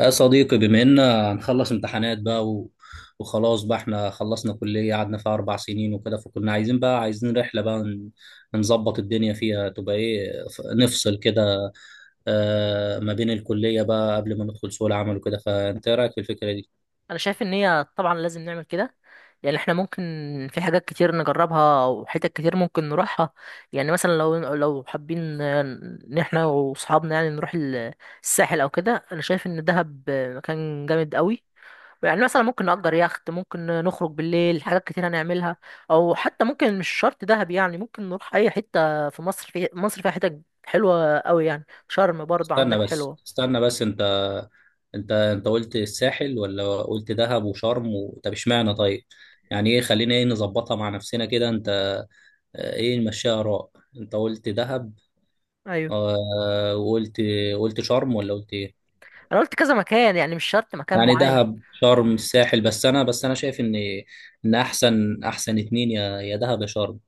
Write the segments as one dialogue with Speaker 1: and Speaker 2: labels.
Speaker 1: يا صديقي، بما إن هنخلص امتحانات بقى وخلاص بقى احنا خلصنا كلية قعدنا فيها 4 سنين وكده. فكنا عايزين بقى رحلة بقى نظبط الدنيا فيها تبقى إيه، نفصل كده ما بين الكلية بقى قبل ما ندخل سوق العمل وكده. فأنت إيه رأيك في الفكرة دي؟
Speaker 2: انا شايف ان هي طبعا لازم نعمل كده. يعني احنا ممكن، في حاجات كتير نجربها وحتت كتير ممكن نروحها. يعني مثلا لو حابين ان احنا واصحابنا يعني نروح الساحل او كده، انا شايف ان دهب مكان جامد قوي. يعني مثلا ممكن نأجر يخت، ممكن نخرج بالليل، حاجات كتير هنعملها. او حتى ممكن مش شرط دهب، يعني ممكن نروح اي حتة في مصر. فيها حتت حلوة قوي، يعني شرم برضه
Speaker 1: استنى
Speaker 2: عندك
Speaker 1: بس،
Speaker 2: حلوة.
Speaker 1: استنى بس. أنت قلت الساحل ولا قلت دهب وشرم طب اشمعنى طيب؟ يعني إيه، خلينا نظبطها مع نفسنا كده. أنت إيه، نمشيها آراء. أنت قلت دهب،
Speaker 2: ايوه.
Speaker 1: وقلت قلت شرم ولا قلت ايه؟
Speaker 2: انا قلت كذا مكان، يعني مش شرط مكان
Speaker 1: يعني
Speaker 2: معين.
Speaker 1: دهب، شرم، الساحل. بس انا، شايف ان احسن اتنين يا دهب يا شرم.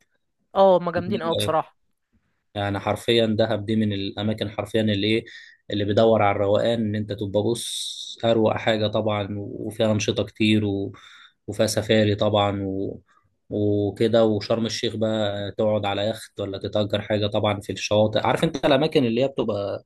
Speaker 2: اه، هما
Speaker 1: أنت
Speaker 2: جامدين قوي
Speaker 1: إيه رأيك؟
Speaker 2: بصراحه.
Speaker 1: يعني حرفيا دهب دي من الاماكن حرفيا اللي بدور على الروقان ان انت تبقى، بص، اروق حاجه طبعا، وفيها انشطه كتير وفيها سفاري طبعا وكده. وشرم الشيخ بقى، تقعد على يخت ولا تتأجر حاجه طبعا في الشواطئ. عارف انت الاماكن اللي هي بتبقى،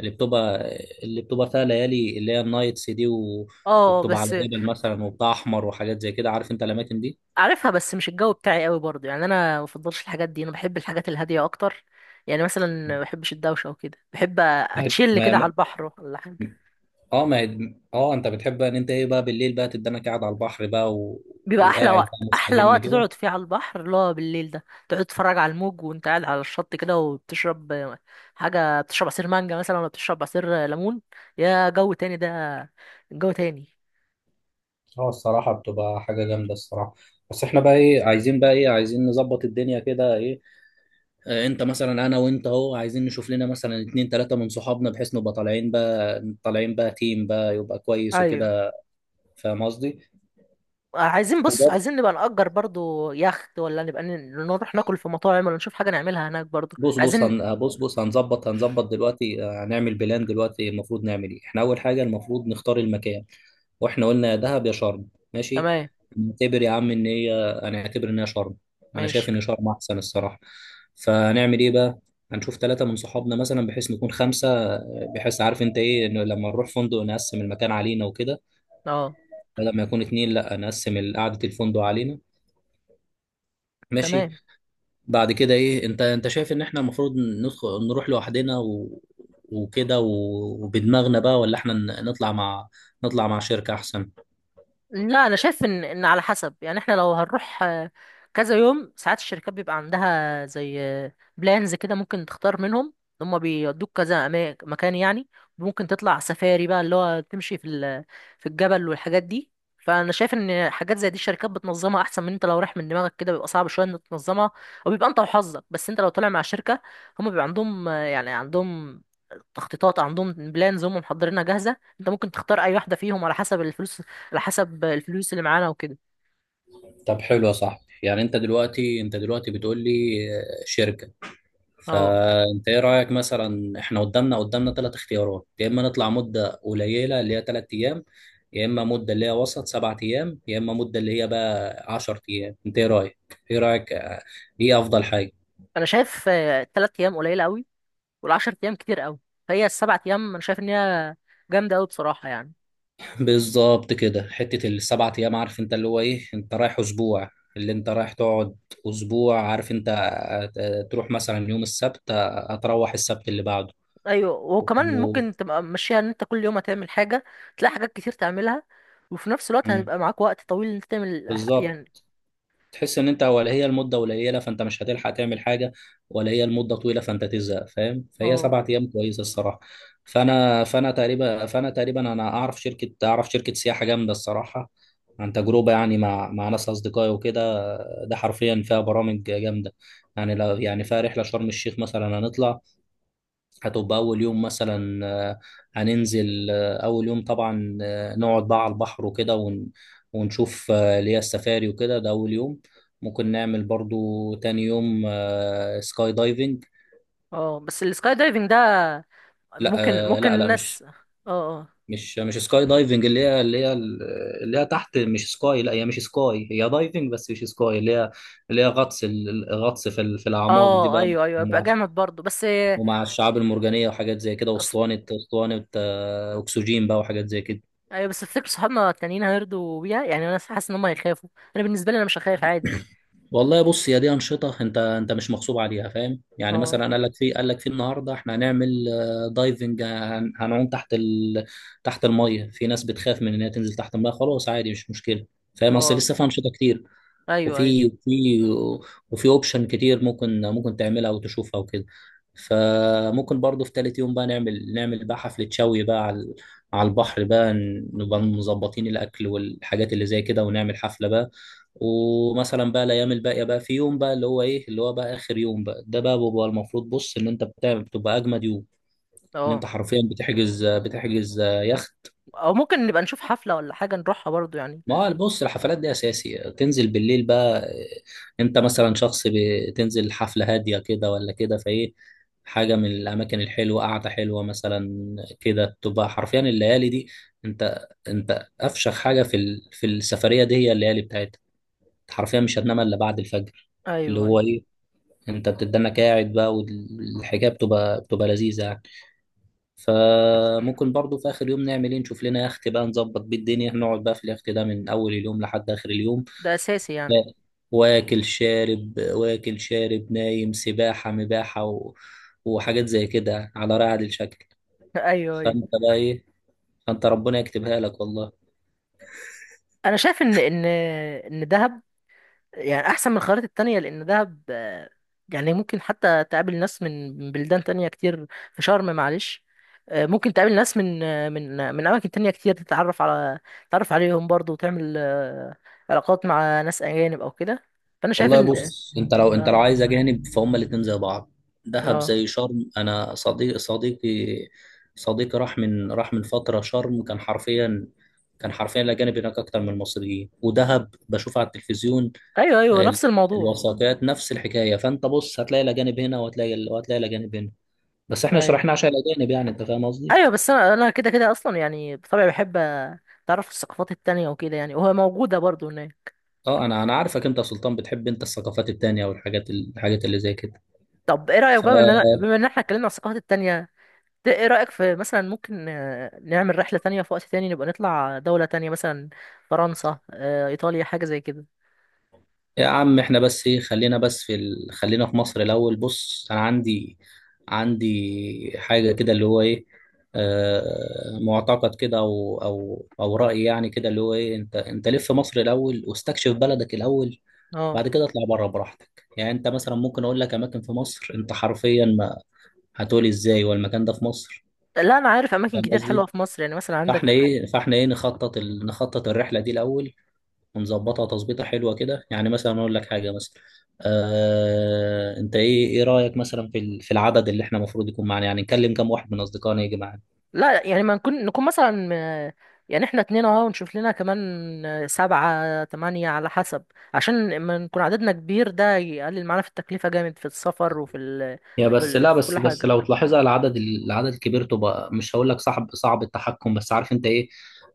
Speaker 1: اللي بتبقى اللي بتبقى فيها ليالي اللي هي النايتس دي
Speaker 2: اه
Speaker 1: وبتبقى
Speaker 2: بس،
Speaker 1: على جبل مثلا، وبتاع احمر وحاجات زي كده. عارف انت الاماكن دي؟
Speaker 2: عارفها بس مش الجو بتاعي قوي برضه، يعني انا ما بفضلش الحاجات دي، انا بحب الحاجات الهاديه اكتر. يعني مثلا ما بحبش الدوشه وكده، بحب
Speaker 1: ما
Speaker 2: اتشيل كده على
Speaker 1: ما-
Speaker 2: البحر ولا حاجه.
Speaker 1: اه ما هي- اه انت بتحب بقى ان انت ايه بقى بالليل بقى، تدنك قاعد على البحر بقى
Speaker 2: بيبقى احلى
Speaker 1: وقاعد بقى
Speaker 2: وقت احلى
Speaker 1: مستجم
Speaker 2: وقت
Speaker 1: كده.
Speaker 2: تقعد فيه على البحر اللي هو بالليل ده، تقعد تتفرج على الموج وانت قاعد على الشط كده وبتشرب حاجه، بتشرب عصير مانجا مثلا ولا بتشرب عصير ليمون. يا جو تاني ده. جو تاني.
Speaker 1: اه، الصراحه بتبقى حاجه جامده الصراحه. بس احنا بقى ايه عايزين، نظبط الدنيا كده ايه. انت مثلا، انا وانت اهو، عايزين نشوف لنا مثلا اتنين تلاته من صحابنا، بحيث نبقى طالعين بقى، تيم بقى يبقى كويس
Speaker 2: ايوه.
Speaker 1: وكده. فاهم قصدي؟
Speaker 2: عايزين بص، عايزين نبقى نأجر برضو يخت، ولا نبقى نروح ناكل في مطاعم، ولا نشوف حاجة نعملها هناك برضو
Speaker 1: بص بص،
Speaker 2: عايزين.
Speaker 1: بص بص هنظبط دلوقتي. هنعمل بلان دلوقتي. المفروض نعمل ايه احنا؟ اول حاجه المفروض نختار المكان، واحنا قلنا يا دهب يا شرم. ماشي.
Speaker 2: تمام.
Speaker 1: نعتبر يا عم ان هي انا اعتبر انها شرم. انا شايف
Speaker 2: ماشي.
Speaker 1: ان شرم احسن الصراحه. فهنعمل ايه بقى؟ هنشوف ثلاثه من صحابنا مثلا بحيث نكون خمسه، بحيث عارف انت ايه، انه لما نروح فندق نقسم المكان علينا وكده،
Speaker 2: اه
Speaker 1: بدل ما يكون اتنين لا نقسم قعده الفندق علينا. ماشي.
Speaker 2: تمام.
Speaker 1: بعد كده ايه، انت شايف ان احنا المفروض ندخل نروح لوحدنا وكده وبدماغنا بقى، ولا احنا نطلع مع، شركة احسن؟
Speaker 2: لا، انا شايف ان على حسب. يعني احنا لو هنروح كذا يوم، ساعات الشركات بيبقى عندها زي بلانز كده، ممكن تختار منهم. هم بيودوك كذا مكان يعني. ممكن تطلع سفاري بقى اللي هو تمشي في في الجبل والحاجات دي. فانا شايف ان حاجات زي دي الشركات بتنظمها احسن من انت لو رايح من دماغك كده، بيبقى صعب شويه انك تنظمها، او بيبقى انت وحظك. بس انت لو طالع مع شركه، هم بيبقى عندهم يعني عندهم تخطيطات، عندهم بلانز هم محضرينها جاهزه، انت ممكن تختار اي واحده فيهم على حسب الفلوس، على حسب الفلوس اللي معانا وكده.
Speaker 1: طب حلو يا صاحبي. يعني انت دلوقتي بتقول لي شركة.
Speaker 2: اه.
Speaker 1: فانت ايه رأيك مثلا، احنا قدامنا ثلاث اختيارات. يا اما نطلع مدة قليلة اللي هي 3 ايام، يا اما مدة اللي هي وسط 7 ايام، يا اما مدة اللي هي بقى 10 ايام. انت ايه رأيك، ايه رأيك آه، ايه افضل حاجة؟
Speaker 2: انا شايف ال3 ايام قليله قوي، والعشر ايام كتير قوي، فهي ال7 ايام انا شايف ان هي جامده قوي بصراحه يعني.
Speaker 1: بالظبط كده، حتة الـ7 أيام. عارف أنت اللي هو إيه؟ أنت رايح أسبوع، اللي أنت رايح تقعد أسبوع. عارف أنت، تروح مثلا يوم السبت، هتروح السبت اللي بعده
Speaker 2: ايوه. وكمان
Speaker 1: و...
Speaker 2: ممكن تبقى ماشيها ان انت كل يوم هتعمل حاجه، تلاقي حاجات كتير تعملها، وفي نفس الوقت
Speaker 1: مم.
Speaker 2: هتبقى معاك وقت طويل ان انت تعمل
Speaker 1: بالظبط.
Speaker 2: يعني.
Speaker 1: تحس ان انت ولا هي المده قليله فانت مش هتلحق تعمل حاجه، ولا هي المده طويله فانت تزهق. فاهم؟ فهي
Speaker 2: اه.
Speaker 1: سبعة ايام كويسه الصراحه. فانا تقريبا انا اعرف شركه، سياحه جامده الصراحه، عن تجربه يعني مع ناس اصدقائي وكده. ده حرفيا فيها برامج جامده. يعني لو يعني فيها رحله شرم الشيخ مثلا، هنطلع هتبقى أول يوم مثلا، هننزل أول يوم طبعا نقعد بقى على البحر وكده، ونشوف اللي هي السفاري وكده. ده أول يوم. ممكن نعمل برضو تاني يوم سكاي دايفنج.
Speaker 2: اه بس السكاي دايفنج ده،
Speaker 1: لا،
Speaker 2: ممكن ممكن
Speaker 1: لا لا،
Speaker 2: الناس. اه. اه
Speaker 1: مش سكاي دايفنج اللي هي تحت، مش سكاي. لا، هي مش سكاي، هي دايفنج بس مش سكاي. اللي هي غطس، الغطس في الأعماق دي
Speaker 2: اه.
Speaker 1: بقى،
Speaker 2: ايوه ايوه، يبقى
Speaker 1: ومع
Speaker 2: جامد برضه بس.
Speaker 1: ومع الشعاب المرجانية، وحاجات زي كده، واسطوانة، أكسجين بقى، وحاجات زي كده.
Speaker 2: ايوه بس تفتكر صحابنا التانيين هيرضوا بيها؟ يعني انا حاسس ان هم هيخافوا. انا بالنسبه لي انا مش هخاف عادي.
Speaker 1: والله بص، هي دي انشطه انت، انت مش مغصوب عليها. فاهم؟ يعني
Speaker 2: اه.
Speaker 1: مثلا قال لك في، النهارده احنا هنعمل دايفنج، هنعوم تحت تحت الميه. في ناس بتخاف من ان هي تنزل تحت الميه، خلاص عادي، مش مشكله. فاهم؟ اصل
Speaker 2: اه
Speaker 1: لسه في انشطه كتير،
Speaker 2: ايوه ايوه.
Speaker 1: وفي وفي وفي اوبشن كتير ممكن تعملها وتشوفها وكده. فممكن برضو في تالت يوم بقى، نعمل بقى حفلة شوي بقى على، البحر بقى. نبقى مظبطين الأكل والحاجات اللي زي كده، ونعمل حفلة بقى. ومثلا بقى الأيام الباقية بقى، في يوم بقى اللي هو إيه، اللي هو بقى آخر يوم بقى. ده بقى بيبقى المفروض، بص، إن أنت بتعمل بتبقى أجمد يوم. إن
Speaker 2: اه.
Speaker 1: أنت حرفيا بتحجز، يخت
Speaker 2: او ممكن نبقى نشوف حفله ولا حاجه نروحها برضو يعني.
Speaker 1: ما هو بص، الحفلات دي اساسي تنزل بالليل بقى. انت مثلا شخص بتنزل حفله هاديه كده، ولا كده فايه حاجه من الاماكن الحلوه قاعده حلوه مثلا كده، تبقى حرفيا الليالي دي. انت افشخ حاجه في السفريه دي هي الليالي بتاعتها. انت حرفيا مش هتنام الا بعد الفجر، اللي
Speaker 2: ايوه
Speaker 1: هو
Speaker 2: ايوه،
Speaker 1: ايه، انت بتدنك قاعد بقى، والحكايه بتبقى، لذيذه يعني. فممكن برضو في اخر يوم نعمل ايه، نشوف لنا يخت بقى، نظبط بيه الدنيا، نقعد بقى في اليخت ده من اول اليوم لحد اخر اليوم.
Speaker 2: ده اساسي يعني.
Speaker 1: لا، واكل شارب واكل شارب نايم سباحة مباحة وحاجات زي كده على رعد الشكل.
Speaker 2: ايوه ايوه.
Speaker 1: فانت بقى ايه، فانت ربنا يكتبها لك والله.
Speaker 2: انا شايف ان دهب يعني احسن من الخيارات التانية، لان دهب يعني ممكن حتى تقابل ناس من بلدان تانية كتير. في شرم معلش ممكن تقابل ناس من اماكن تانية كتير. تتعرف عليهم برضو، وتعمل علاقات مع ناس اجانب او كده، فانا شايف
Speaker 1: والله
Speaker 2: ان...
Speaker 1: بص، انت لو،
Speaker 2: اه.
Speaker 1: عايز اجانب فهم الاتنين زي بعض. دهب
Speaker 2: آه.
Speaker 1: زي شرم. انا صديقي راح من، فترة شرم كان حرفيا، الاجانب هناك اكتر من المصريين. ودهب بشوف على التلفزيون،
Speaker 2: ايوه ايوه
Speaker 1: ال-
Speaker 2: نفس الموضوع.
Speaker 1: الوثائقيات نفس الحكاية. فانت بص هتلاقي الاجانب هنا، وهتلاقي الاجانب هنا. بس احنا شرحنا
Speaker 2: ايوه.
Speaker 1: عشان الاجانب يعني، انت فاهم قصدي.
Speaker 2: ايوه بس انا كده كده اصلا، يعني بطبعي بحب اتعرف على الثقافات التانية وكده، يعني وهي موجودة برضو هناك.
Speaker 1: اه، انا عارفك انت يا سلطان، بتحب انت الثقافات التانية والحاجات، اللي زي كده.
Speaker 2: طب ايه رأيك
Speaker 1: ف
Speaker 2: بقى ان انا بما ان احنا اتكلمنا عن الثقافات التانية، ده ايه رأيك في مثلا ممكن نعمل رحلة تانية في وقت تاني، نبقى نطلع دولة تانية مثلا فرنسا، ايطاليا، حاجة زي كده.
Speaker 1: يا عم احنا بس ايه، خلينا بس خلينا في مصر الاول. بص انا عندي، حاجة كده اللي هو ايه، معتقد كده، او رأي يعني كده اللي هو ايه، انت لف مصر الاول واستكشف بلدك الاول.
Speaker 2: اه.
Speaker 1: بعد كده اطلع بره براحتك. يعني انت مثلا ممكن اقول لك اماكن في مصر انت حرفيا ما هتقولي ازاي والمكان ده في مصر.
Speaker 2: لا، انا عارف اماكن
Speaker 1: فاهم
Speaker 2: كتير حلوة
Speaker 1: قصدي؟
Speaker 2: في مصر، يعني مثلا عندك.
Speaker 1: فاحنا ايه، نخطط نخطط الرحله دي الاول، ونظبطها تظبيطه حلوه كده. يعني مثلا اقول لك حاجه مثلا، انت ايه، رايك مثلا في العدد اللي احنا المفروض يكون معانا؟ يعني نكلم كام واحد من اصدقائنا يجي معانا؟
Speaker 2: لا، يعني ما نكون مثلا، يعني احنا اتنين اهو ونشوف لنا كمان، سبعة تمانية على حسب، عشان لما نكون عددنا كبير ده يقلل معانا في التكلفة جامد في السفر، وفي ال...
Speaker 1: يا
Speaker 2: في,
Speaker 1: بس
Speaker 2: ال...
Speaker 1: لا،
Speaker 2: في كل
Speaker 1: بس
Speaker 2: حاجة.
Speaker 1: لو تلاحظها العدد، العدد الكبير تبقى، مش هقول لك صعب، صعب التحكم، بس عارف انت ايه،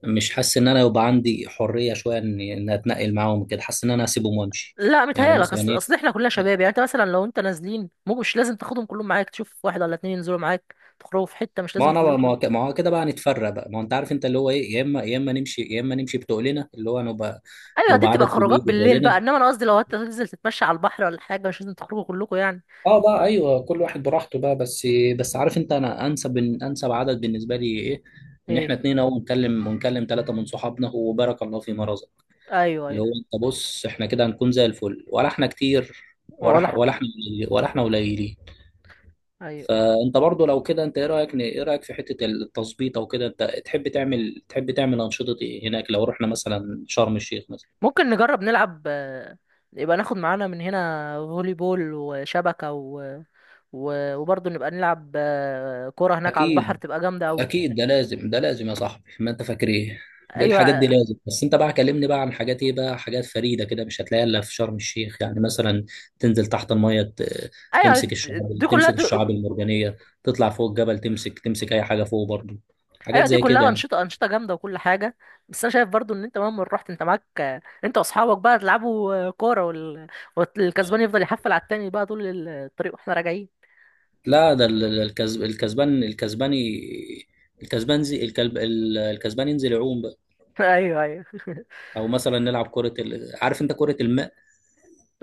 Speaker 1: مش حاسس ان انا يبقى عندي حريه شويه ان، اتنقل معاهم كده. حاسس ان انا اسيبهم وامشي.
Speaker 2: لا
Speaker 1: يعني
Speaker 2: متهيألك،
Speaker 1: مثلا
Speaker 2: اصل
Speaker 1: ايه،
Speaker 2: اصل احنا كلنا شباب، يعني انت مثلا لو انت نازلين مش لازم تاخدهم كلهم معاك، تشوف واحد ولا اتنين ينزلوا معاك، تخرجوا في حته مش لازم كلكم.
Speaker 1: ما هو كده بقى نتفرق بقى. ما هو انت عارف انت اللي هو ايه، يا اما نمشي بتقلنا اللي هو، نبقى
Speaker 2: ايوه، دي بتبقى
Speaker 1: عدد
Speaker 2: خروجات
Speaker 1: كبير
Speaker 2: بالليل بقى،
Speaker 1: بتقلنا.
Speaker 2: انما انا قصدي لو انت تنزل تتمشى على البحر ولا حاجه مش لازم تخرجوا كلكم يعني.
Speaker 1: اه بقى ايوه، كل واحد براحته بقى. بس، بس عارف انت انا انسب، عدد بالنسبه لي ايه؟ ان احنا
Speaker 2: ايه.
Speaker 1: اتنين اهو، ونكلم، ثلاثه من صحابنا وبارك الله في مرزق،
Speaker 2: ايوه ايوه.
Speaker 1: اللي هو انت بص احنا كده هنكون زي الفل، ولا احنا كتير
Speaker 2: ولا حق.
Speaker 1: ولا احنا قليلين؟
Speaker 2: ايوه.
Speaker 1: فانت برضو لو كده انت ايه رايك، في حته التظبيط او كده؟ انت تحب تعمل، انشطه ايه هناك لو رحنا مثلا شرم الشيخ مثلا؟
Speaker 2: ممكن نجرب نلعب، يبقى ناخد معانا من هنا فولي بول وشبكه، وبرضه نبقى نلعب كوره هناك على البحر
Speaker 1: اكيد
Speaker 2: تبقى جامده قوي.
Speaker 1: اكيد، ده لازم ده لازم يا صاحبي. ما انت فاكر ايه، دي الحاجات دي
Speaker 2: ايوه
Speaker 1: لازم. بس انت بقى كلمني بقى عن حاجات ايه بقى، حاجات فريده كده مش هتلاقيها الا في شرم الشيخ. يعني مثلا، تنزل تحت الميه،
Speaker 2: ايوه،
Speaker 1: تمسك
Speaker 2: دي
Speaker 1: الشعاب،
Speaker 2: كلها
Speaker 1: تمسك
Speaker 2: دي.
Speaker 1: الشعاب المرجانيه، تطلع فوق الجبل، تمسك اي حاجه فوق برضو، حاجات
Speaker 2: ايوه دي
Speaker 1: زي
Speaker 2: كلها
Speaker 1: كده.
Speaker 2: انشطه، انشطه جامده وكل حاجه، بس انا شايف برضو ان انت مهما رحت، انت معاك انت واصحابك بقى تلعبوا كوره، والكسبان يفضل يحفل على التاني بقى طول الطريق واحنا راجعين.
Speaker 1: لا ده، الكسباني الكسبان زي الكلب، الكسبان ينزل يعوم بقى.
Speaker 2: ايوه ايوه.
Speaker 1: او مثلا نلعب عارف انت، كرة الماء.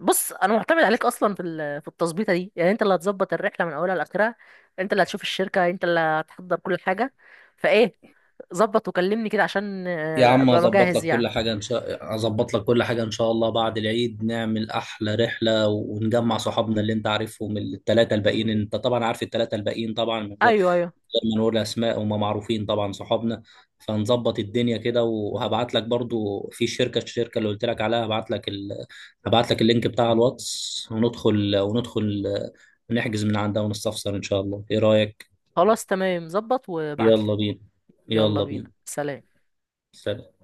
Speaker 2: بص، انا معتمد عليك اصلا في في التظبيطه دي، يعني انت اللي هتظبط الرحله من اولها لاخرها، انت اللي هتشوف الشركه، انت اللي هتحضر كل حاجه، فايه ظبط وكلمني كده عشان
Speaker 1: يا عم
Speaker 2: ابقى
Speaker 1: اظبط
Speaker 2: مجهز
Speaker 1: لك كل
Speaker 2: يعني.
Speaker 1: حاجة، ان شاء الله. بعد العيد نعمل احلى رحلة ونجمع صحابنا، اللي انت عارفهم الثلاثة الباقيين، انت طبعا عارف الثلاثة الباقيين طبعا، من
Speaker 2: ايوه ايوه.
Speaker 1: لما نقول اسماء وما معروفين طبعا صحابنا. فنظبط الدنيا كده وهبعت لك برضو في شركه، الشركه اللي قلت لك عليها. هبعت لك اللينك بتاع الواتس، وندخل نحجز من عندها ونستفسر ان شاء الله. ايه رايك؟
Speaker 2: خلاص تمام، ظبط وابعتلي.
Speaker 1: يلا بينا،
Speaker 2: يلا
Speaker 1: يلا
Speaker 2: بينا.
Speaker 1: بينا.
Speaker 2: سلام.
Speaker 1: سلام.